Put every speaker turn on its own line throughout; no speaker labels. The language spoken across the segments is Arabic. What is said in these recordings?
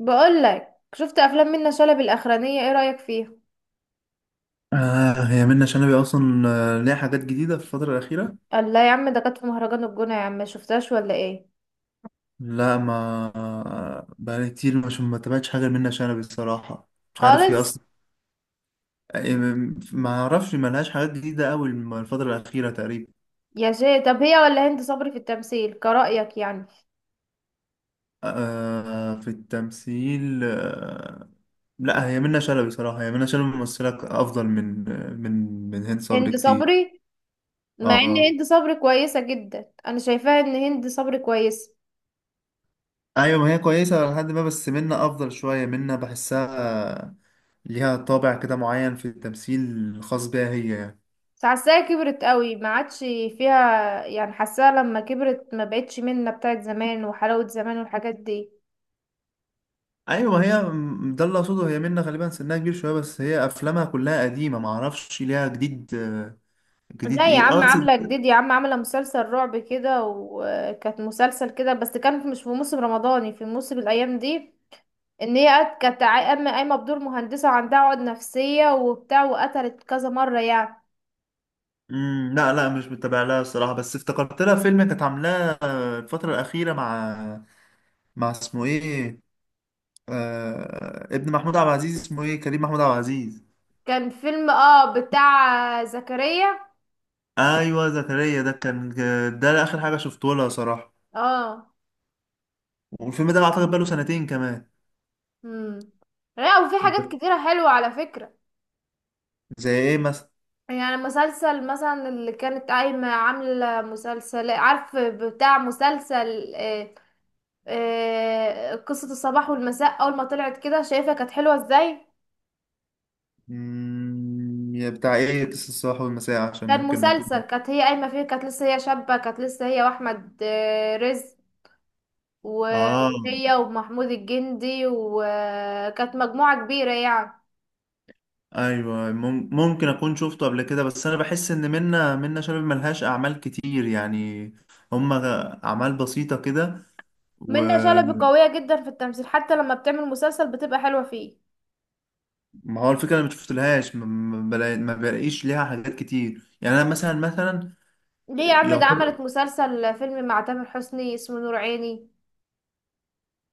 بقول لك، شفت افلام منة شلبي الاخرانيه؟ ايه رايك فيها؟
آه، هي منة شلبي أصلا، ليها حاجات جديدة في الفترة الأخيرة.
الله يا عم، ده كانت في مهرجان الجونه يا عم، ما شفتهاش ولا ايه؟
لا، ما... بقالي كتير مش ما تابعتش حاجة لمنة شلبي الصراحة. مش عارف هي
خالص.
أصلا. ما أعرفش ما لهاش حاجات جديدة أوي الفترة الأخيرة تقريبا.
يا شيخ، طب هي ولا هند صبري في التمثيل كرايك؟ يعني
آه، في التمثيل، آه. لا، هي منة شلبي صراحة، هي منة شلبي ممثلة أفضل من من هند صبري
هند
كتير.
صبري؟ مع ان
آه.
هند صبري كويسه جدا، انا شايفاها ان هند صبري كويسه،
ايوه، ما هي كويسه لحد ما، بس منا افضل شويه، منا بحسها ليها طابع كده معين في التمثيل خاص بيها هي يعني.
بس حاساها كبرت قوي ما عادش فيها. يعني حاساها لما كبرت ما بقتش منة بتاعت زمان وحلاوه زمان والحاجات دي.
ايوه، ما هي ده اللي اقصده، هي منا غالبا سنها كبير شويه، بس هي افلامها كلها قديمه، ما اعرفش ليها جديد. جديد
لا يا
ايه،
عم،
اه،
عاملة جديد يا عم، عاملة مسلسل رعب كده، وكانت مسلسل كده بس كان مش في موسم رمضاني، في موسم الأيام دي. إن هي كانت قايمة بدور مهندسة، وعندها عقد نفسية وبتاع، وقتلت كذا مرة يعني.
لا، لا، مش متابع لها الصراحه، بس افتكرت لها فيلم كانت عاملاه الفتره الاخيره مع اسمه ايه، آه، ابن محمود عبد العزيز اسمه ايه، كريم محمود عبد العزيز.
كان فيلم اه بتاع زكريا.
ايوه، زكريا ده كان، ده اخر حاجه شفته لها صراحه.
اه.
والفيلم ده اعتقد بقاله سنتين كمان.
امم. لا، وفي حاجات كتيرة حلوة على فكرة.
زي ايه مثلا؟
يعني مسلسل مثلا، اللي كانت قايمة عاملة مسلسل، عارف بتاع مسلسل، قصة الصباح والمساء. أول ما طلعت كده شايفة كانت حلوة ازاي.
يا بتاع ايه، قصة الصباح والمساء عشان
كان
ممكن ما
مسلسل
اكون...
كانت هي قايمة فيه، كانت لسه هي شابة، كانت لسه هي وأحمد رزق،
اه،
وهي ومحمود الجندي، وكانت مجموعة كبيرة يعني.
ايوه، ممكن اكون شفته قبل كده، بس انا بحس ان منا شلبي ملهاش اعمال كتير يعني، هما اعمال بسيطه كده.
منة شلبي
وما...
قوية جدا في التمثيل، حتى لما بتعمل مسلسل بتبقى حلوة فيه.
هو الفكره انا ما شفتلهاش، ما بلاقيش ليها حاجات كتير يعني، انا مثلا مثلا.
ليه يا عم؟ ده عملت مسلسل فيلم مع تامر حسني اسمه نور عيني.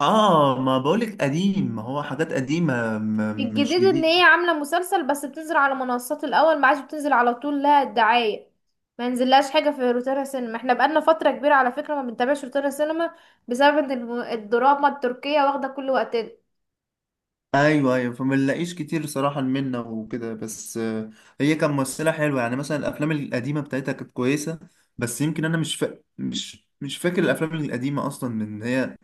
اه، ما بقولك قديم، ما هو حاجات قديمة، مش
الجديد ان
جديد.
هي عامله مسلسل بس بتنزل على منصات الاول، ما عادش بتنزل على طول لها الدعايه، ما ينزلهاش حاجه في روتانا سينما. احنا بقالنا فتره كبيره على فكره ما بنتابعش روتانا سينما، بسبب ان الدراما التركيه واخده كل وقتنا.
ايوه، ايوه، فما نلاقيش كتير صراحة منا وكده بس. هي كان ممثلة حلوة يعني، مثلا الافلام القديمة بتاعتها كانت كويسة. بس يمكن انا مش فاكر الافلام القديمة اصلا من هي.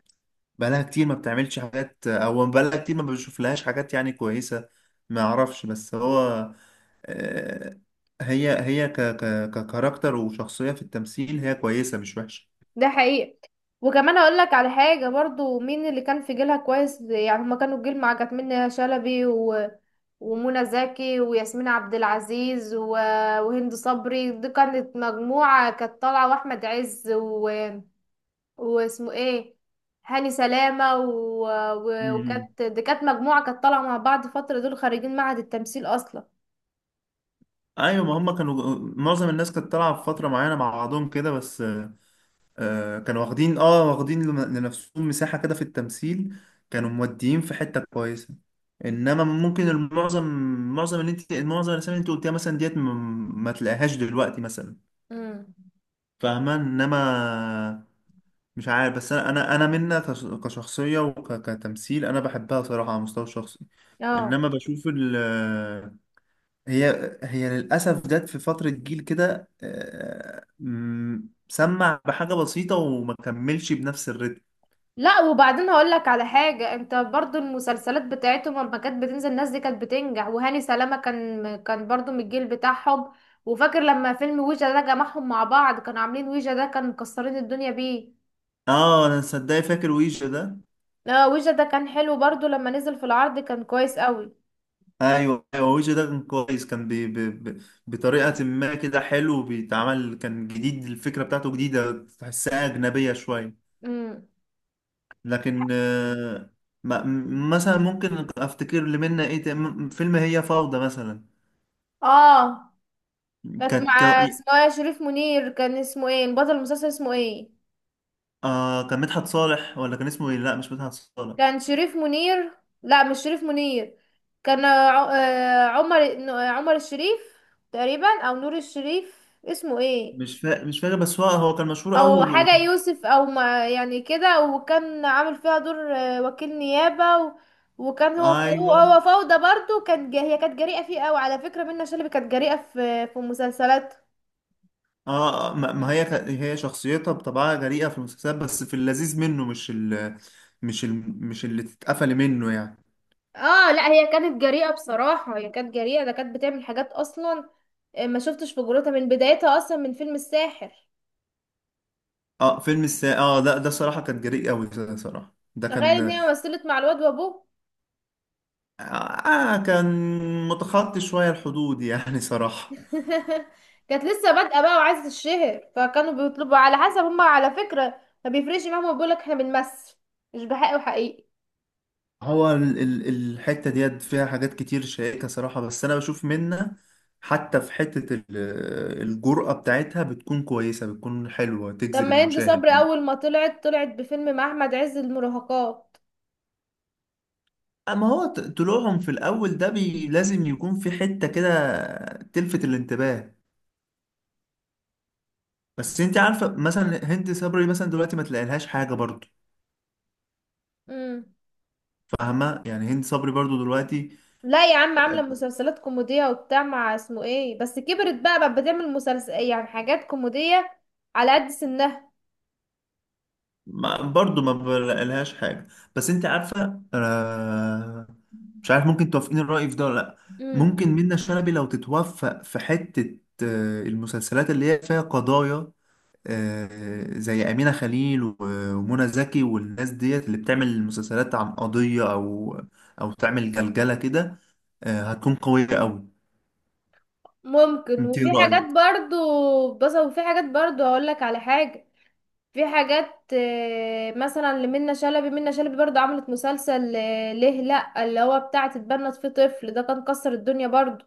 بقالها كتير ما بتعملش حاجات، او بقالها كتير ما بشوف لهاش حاجات يعني كويسة. ما اعرفش، بس هو آه، هي ككاركتر وشخصية في التمثيل، هي كويسة مش
ده حقيقي. وكمان اقول لك على حاجه برضو، مين اللي كان في جيلها كويس يعني؟ هما كانوا الجيل، مع كانت منى شلبي و... ومنى زكي وياسمين عبد العزيز و... وهند صبري، دي كانت مجموعه كانت طالعه، واحمد عز و... واسمه ايه، هاني سلامة و... و...
وحشة.
وكانت دي كانت مجموعة كانت طالعة مع بعض فترة، دول خارجين معهد التمثيل اصلا.
ايوه، ما هم كانوا، معظم الناس كانت طالعه في فتره معينه مع بعضهم كده بس. آه، كانوا واخدين لنفسهم مساحه كده في التمثيل، كانوا موديين في حته كويسه. انما ممكن المعظم، معظم الاسامي اللي انت قلتيها مثلا ديت ما تلاقيهاش دلوقتي مثلا.
امم.
فاهمه، انما... مش عارف، بس انا منا كشخصيه وكتمثيل انا بحبها صراحه على المستوى الشخصي.
اه.
انما بشوف ال... هي للأسف جت في فترة جيل كده، سمع بحاجة بسيطة وما كملش بنفس الريتم.
لا، وبعدين هقول لك على حاجة، انت برضو المسلسلات بتاعتهم لما كانت بتنزل الناس دي كانت بتنجح، وهاني سلامة كان برضو من الجيل بتاعهم. وفاكر لما فيلم ويجا ده جمعهم مع بعض، كانوا عاملين ويجا ده، كان مكسرين الدنيا بيه.
اه، انا صدقني فاكر ويجا ده.
اه، ويجا ده كان حلو برضو، لما نزل في العرض كان كويس قوي.
ايوه، ايوه، ويجا ده كان كويس، كان بي بي بي بطريقة ما كده حلو بيتعمل، كان جديد، الفكرة بتاعته جديدة تحسها أجنبية شوية.
امم.
لكن مثلا ممكن افتكر اللي منا ايه، فيلم هي فوضى مثلا.
اه، كانت
كانت
مع اسمها شريف منير، كان اسمه ايه البطل المسلسل، اسمه ايه؟
آه، كان مدحت صالح ولا كان اسمه ايه، لا مش مدحت صالح.
كان شريف منير. لا، مش شريف منير. كان عمر عمر الشريف تقريبا، او نور الشريف، اسمه ايه.
مش فاكر، بس هو كان مشهور قوي
او
و...
حاجة يوسف، او ما يعني كده، وكان عامل فيها دور وكيل نيابة و... وكان هو، هو
ايوه.
هو فوضى برضو. كان هي كانت جريئة فيه قوي على فكرة، منة شلبي كانت جريئة في مسلسلات.
اه، ما هي هي شخصيتها بطبعها جريئة في المسلسلات، بس في اللذيذ منه، مش اللي تتقفل منه يعني.
اه، لا هي كانت جريئة بصراحة، هي كانت جريئة، ده كانت بتعمل حاجات اصلا. ما شفتش في جرأتها من بدايتها، اصلا من فيلم الساحر.
اه، فيلم السا اه ده صراحة كان جريء قوي، ده صراحة ده
تخيل ان
كان.
هي مثلت مع الواد وابوه.
كان متخطي شوية الحدود يعني صراحة.
كانت لسه بادئة بقى وعايزة تتشهر، فكانوا بيطلبوا على حسب هما، على فكرة ما بيفرقش معاهم، بيقولك احنا بنمثل مش بحق وحقيقي.
هو الحتة ديت فيها حاجات كتير شائكة صراحة، بس أنا بشوف منها حتى في حتة الجرأة بتاعتها بتكون كويسة، بتكون حلوة
طب
تجذب
ما هند
المشاهد.
صبري اول ما طلعت طلعت بفيلم مع احمد عز، المراهقات.
أما هو طلوعهم في الأول ده لازم يكون في حتة كده تلفت الانتباه. بس أنت عارفة مثلا هند صبري مثلا دلوقتي ما تلاقيلهاش حاجة برضو.
امم.
فاهمة يعني، هند صبري برضو دلوقتي
لا يا عم، عاملة مسلسلات كوميدية وبتاع مع اسمه ايه، بس كبرت بقى، بتعمل مسلسل يعني حاجات كوميدية على قد سنها.
ما برضو ما بلاقيلهاش حاجة. بس انت عارفة، آه. مش عارف، ممكن توافقين الرأي في ده ولا لأ؟
مم.
ممكن منة شلبي لو تتوفق في حتة المسلسلات اللي هي فيها قضايا، آه، زي أمينة خليل ومنى زكي والناس ديت اللي بتعمل مسلسلات عن قضية، أو أو تعمل جلجلة كده، آه، هتكون قوية أوي.
ممكن،
انت إيه
وفي حاجات
رأيك؟
برضو، بس وفي حاجات برضو هقولك على حاجة. في حاجات مثلا لمنى شلبي، منى شلبي برضو عملت مسلسل ليه لأ، اللي هو بتاع تتبنت فيه طفل، ده كان كسر الدنيا برضو،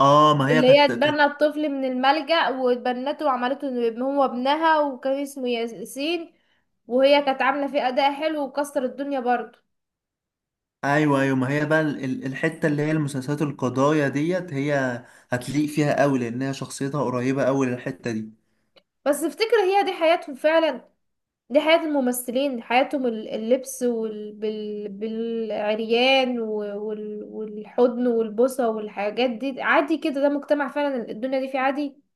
اه، ما هي
اللي هي
كانت.
اتبنى الطفل من الملجأ واتبنته وعملته إنه يبقى هو ابنها، وكان اسمه ياسين، وهي كانت عاملة فيه أداء حلو وكسر الدنيا برضه.
ايوه، ايوه، ما هي بقى الحته اللي هي المسلسلات القضايا ديت، هي هتليق فيها قوي لانها شخصيتها قريبه قوي للحته دي.
بس افتكر هي دي حياتهم فعلا، دي حياة الممثلين، حياتهم اللبس بالعريان والحضن والبوسة والحاجات دي عادي كده، ده مجتمع فعلا الدنيا دي فيه عادي.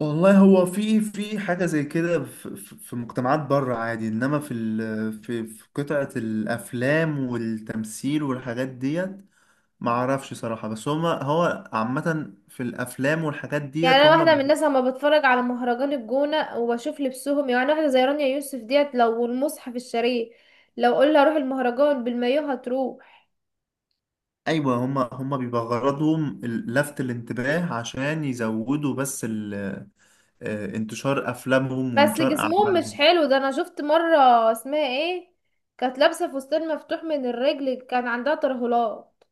والله، هو في حاجة زي كده في مجتمعات بره عادي، إنما في في قطعة الأفلام والتمثيل والحاجات ديت معرفش صراحة، بس هما، هو عامة في الأفلام والحاجات
يعني
ديت
انا
هما
واحده من
بي...
الناس لما بتفرج على مهرجان الجونه وبشوف لبسهم، يعني واحده زي رانيا يوسف ديت، لو المصحف الشريف لو قلنا روح المهرجان بالمايو هتروح.
أيوة، هما بيبقى غرضهم لفت الانتباه عشان يزودوا بس انتشار افلامهم
بس
وانتشار
جسمهم مش
اعمالهم.
حلو، ده انا شفت مره، اسمها ايه، كانت لابسه فستان مفتوح من الرجل، كان عندها ترهلات.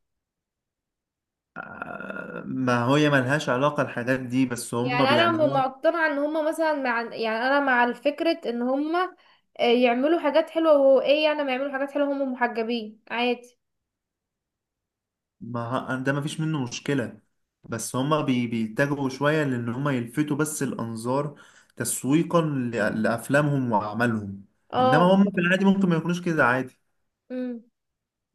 ما هي ملهاش علاقة الحاجات دي، بس
يعني
هم
انا
بيعملوها.
مقتنعه ان هما مثلا مع، يعني انا مع الفكره ان هما يعملوا حاجات حلوه، وايه يعني ما يعملوا حاجات حلوه، هما محجبين عادي.
ما ه- ده ما فيش منه مشكلة، بس هم بيتجهوا شوية لان هم يلفتوا بس الانظار تسويقا لافلامهم واعمالهم. انما
اه.
هم في العادي ممكن ما يكونوش كده عادي.
امم.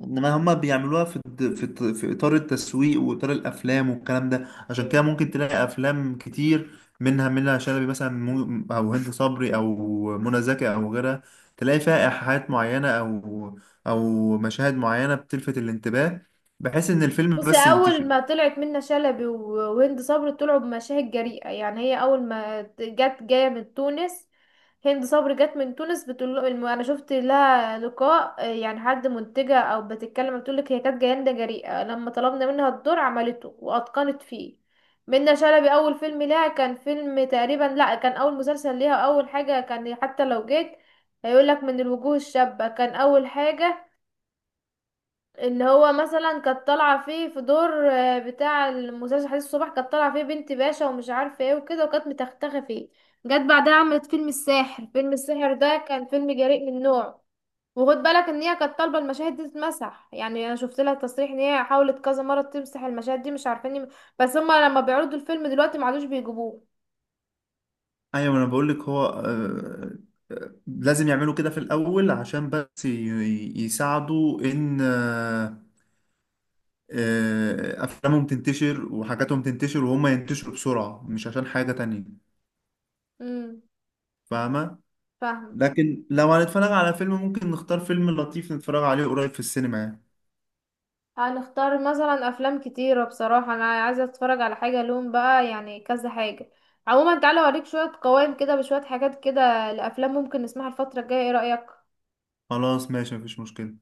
انما هما بيعملوها في الد- في الط- في اطار التسويق واطار الافلام والكلام ده، عشان كده ممكن تلاقي افلام كتير منها شلبي مثلا، او هند صبري او منى زكي او غيرها، تلاقي فيها ايحاءات معينه او او مشاهد معينه بتلفت الانتباه بحيث ان الفيلم
بصي،
بس
اول
ينتشر.
ما طلعت منة شلبي وهند صبري طلعوا بمشاهد جريئة. يعني هي اول ما جت جاية من تونس، هند صبري جت من تونس، بتقول له انا شفت لها لقاء يعني حد منتجة او بتتكلم بتقول لك هي كانت جاية جريئة، لما طلبنا منها الدور عملته واتقنت فيه. منة شلبي اول فيلم لها كان فيلم تقريبا، لا كان اول مسلسل ليها اول حاجة، كان حتى لو جيت هيقول لك من الوجوه الشابة كان اول حاجة، اللي هو مثلا كانت طالعه فيه في دور بتاع المسلسل، حديث الصبح، كانت طالعه فيه بنت باشا ومش عارفه ايه وكده، وكانت متختخه فيه. جت بعدها عملت فيلم الساحر، فيلم الساحر ده كان فيلم جريء من نوعه. وخد بالك ان هي كانت طالبه المشاهد دي تتمسح، يعني انا شفت لها تصريح ان هي حاولت كذا مره تمسح المشاهد دي، مش عارفين بس هما لما بيعرضوا الفيلم دلوقتي ما عادوش بيجيبوه.
ايوه، انا بقول لك، هو. لازم يعملوا كده في الاول عشان بس يساعدوا ان. افلامهم تنتشر وحاجاتهم تنتشر وهم ينتشروا بسرعة مش عشان حاجة تانية.
امم.
فاهمة؟
فاهمه.
لكن لو هنتفرج على فيلم ممكن نختار فيلم لطيف نتفرج عليه قريب في السينما يعني.
هنختار مثلا افلام كتيرة بصراحة، انا عايزة اتفرج على حاجة لون بقى، يعني كذا حاجة. عموما تعالى اوريك شوية قوائم كده بشوية حاجات كده لافلام ممكن نسمعها الفترة الجاية، ايه رأيك؟
خلاص، ماشي، مفيش مشكلة.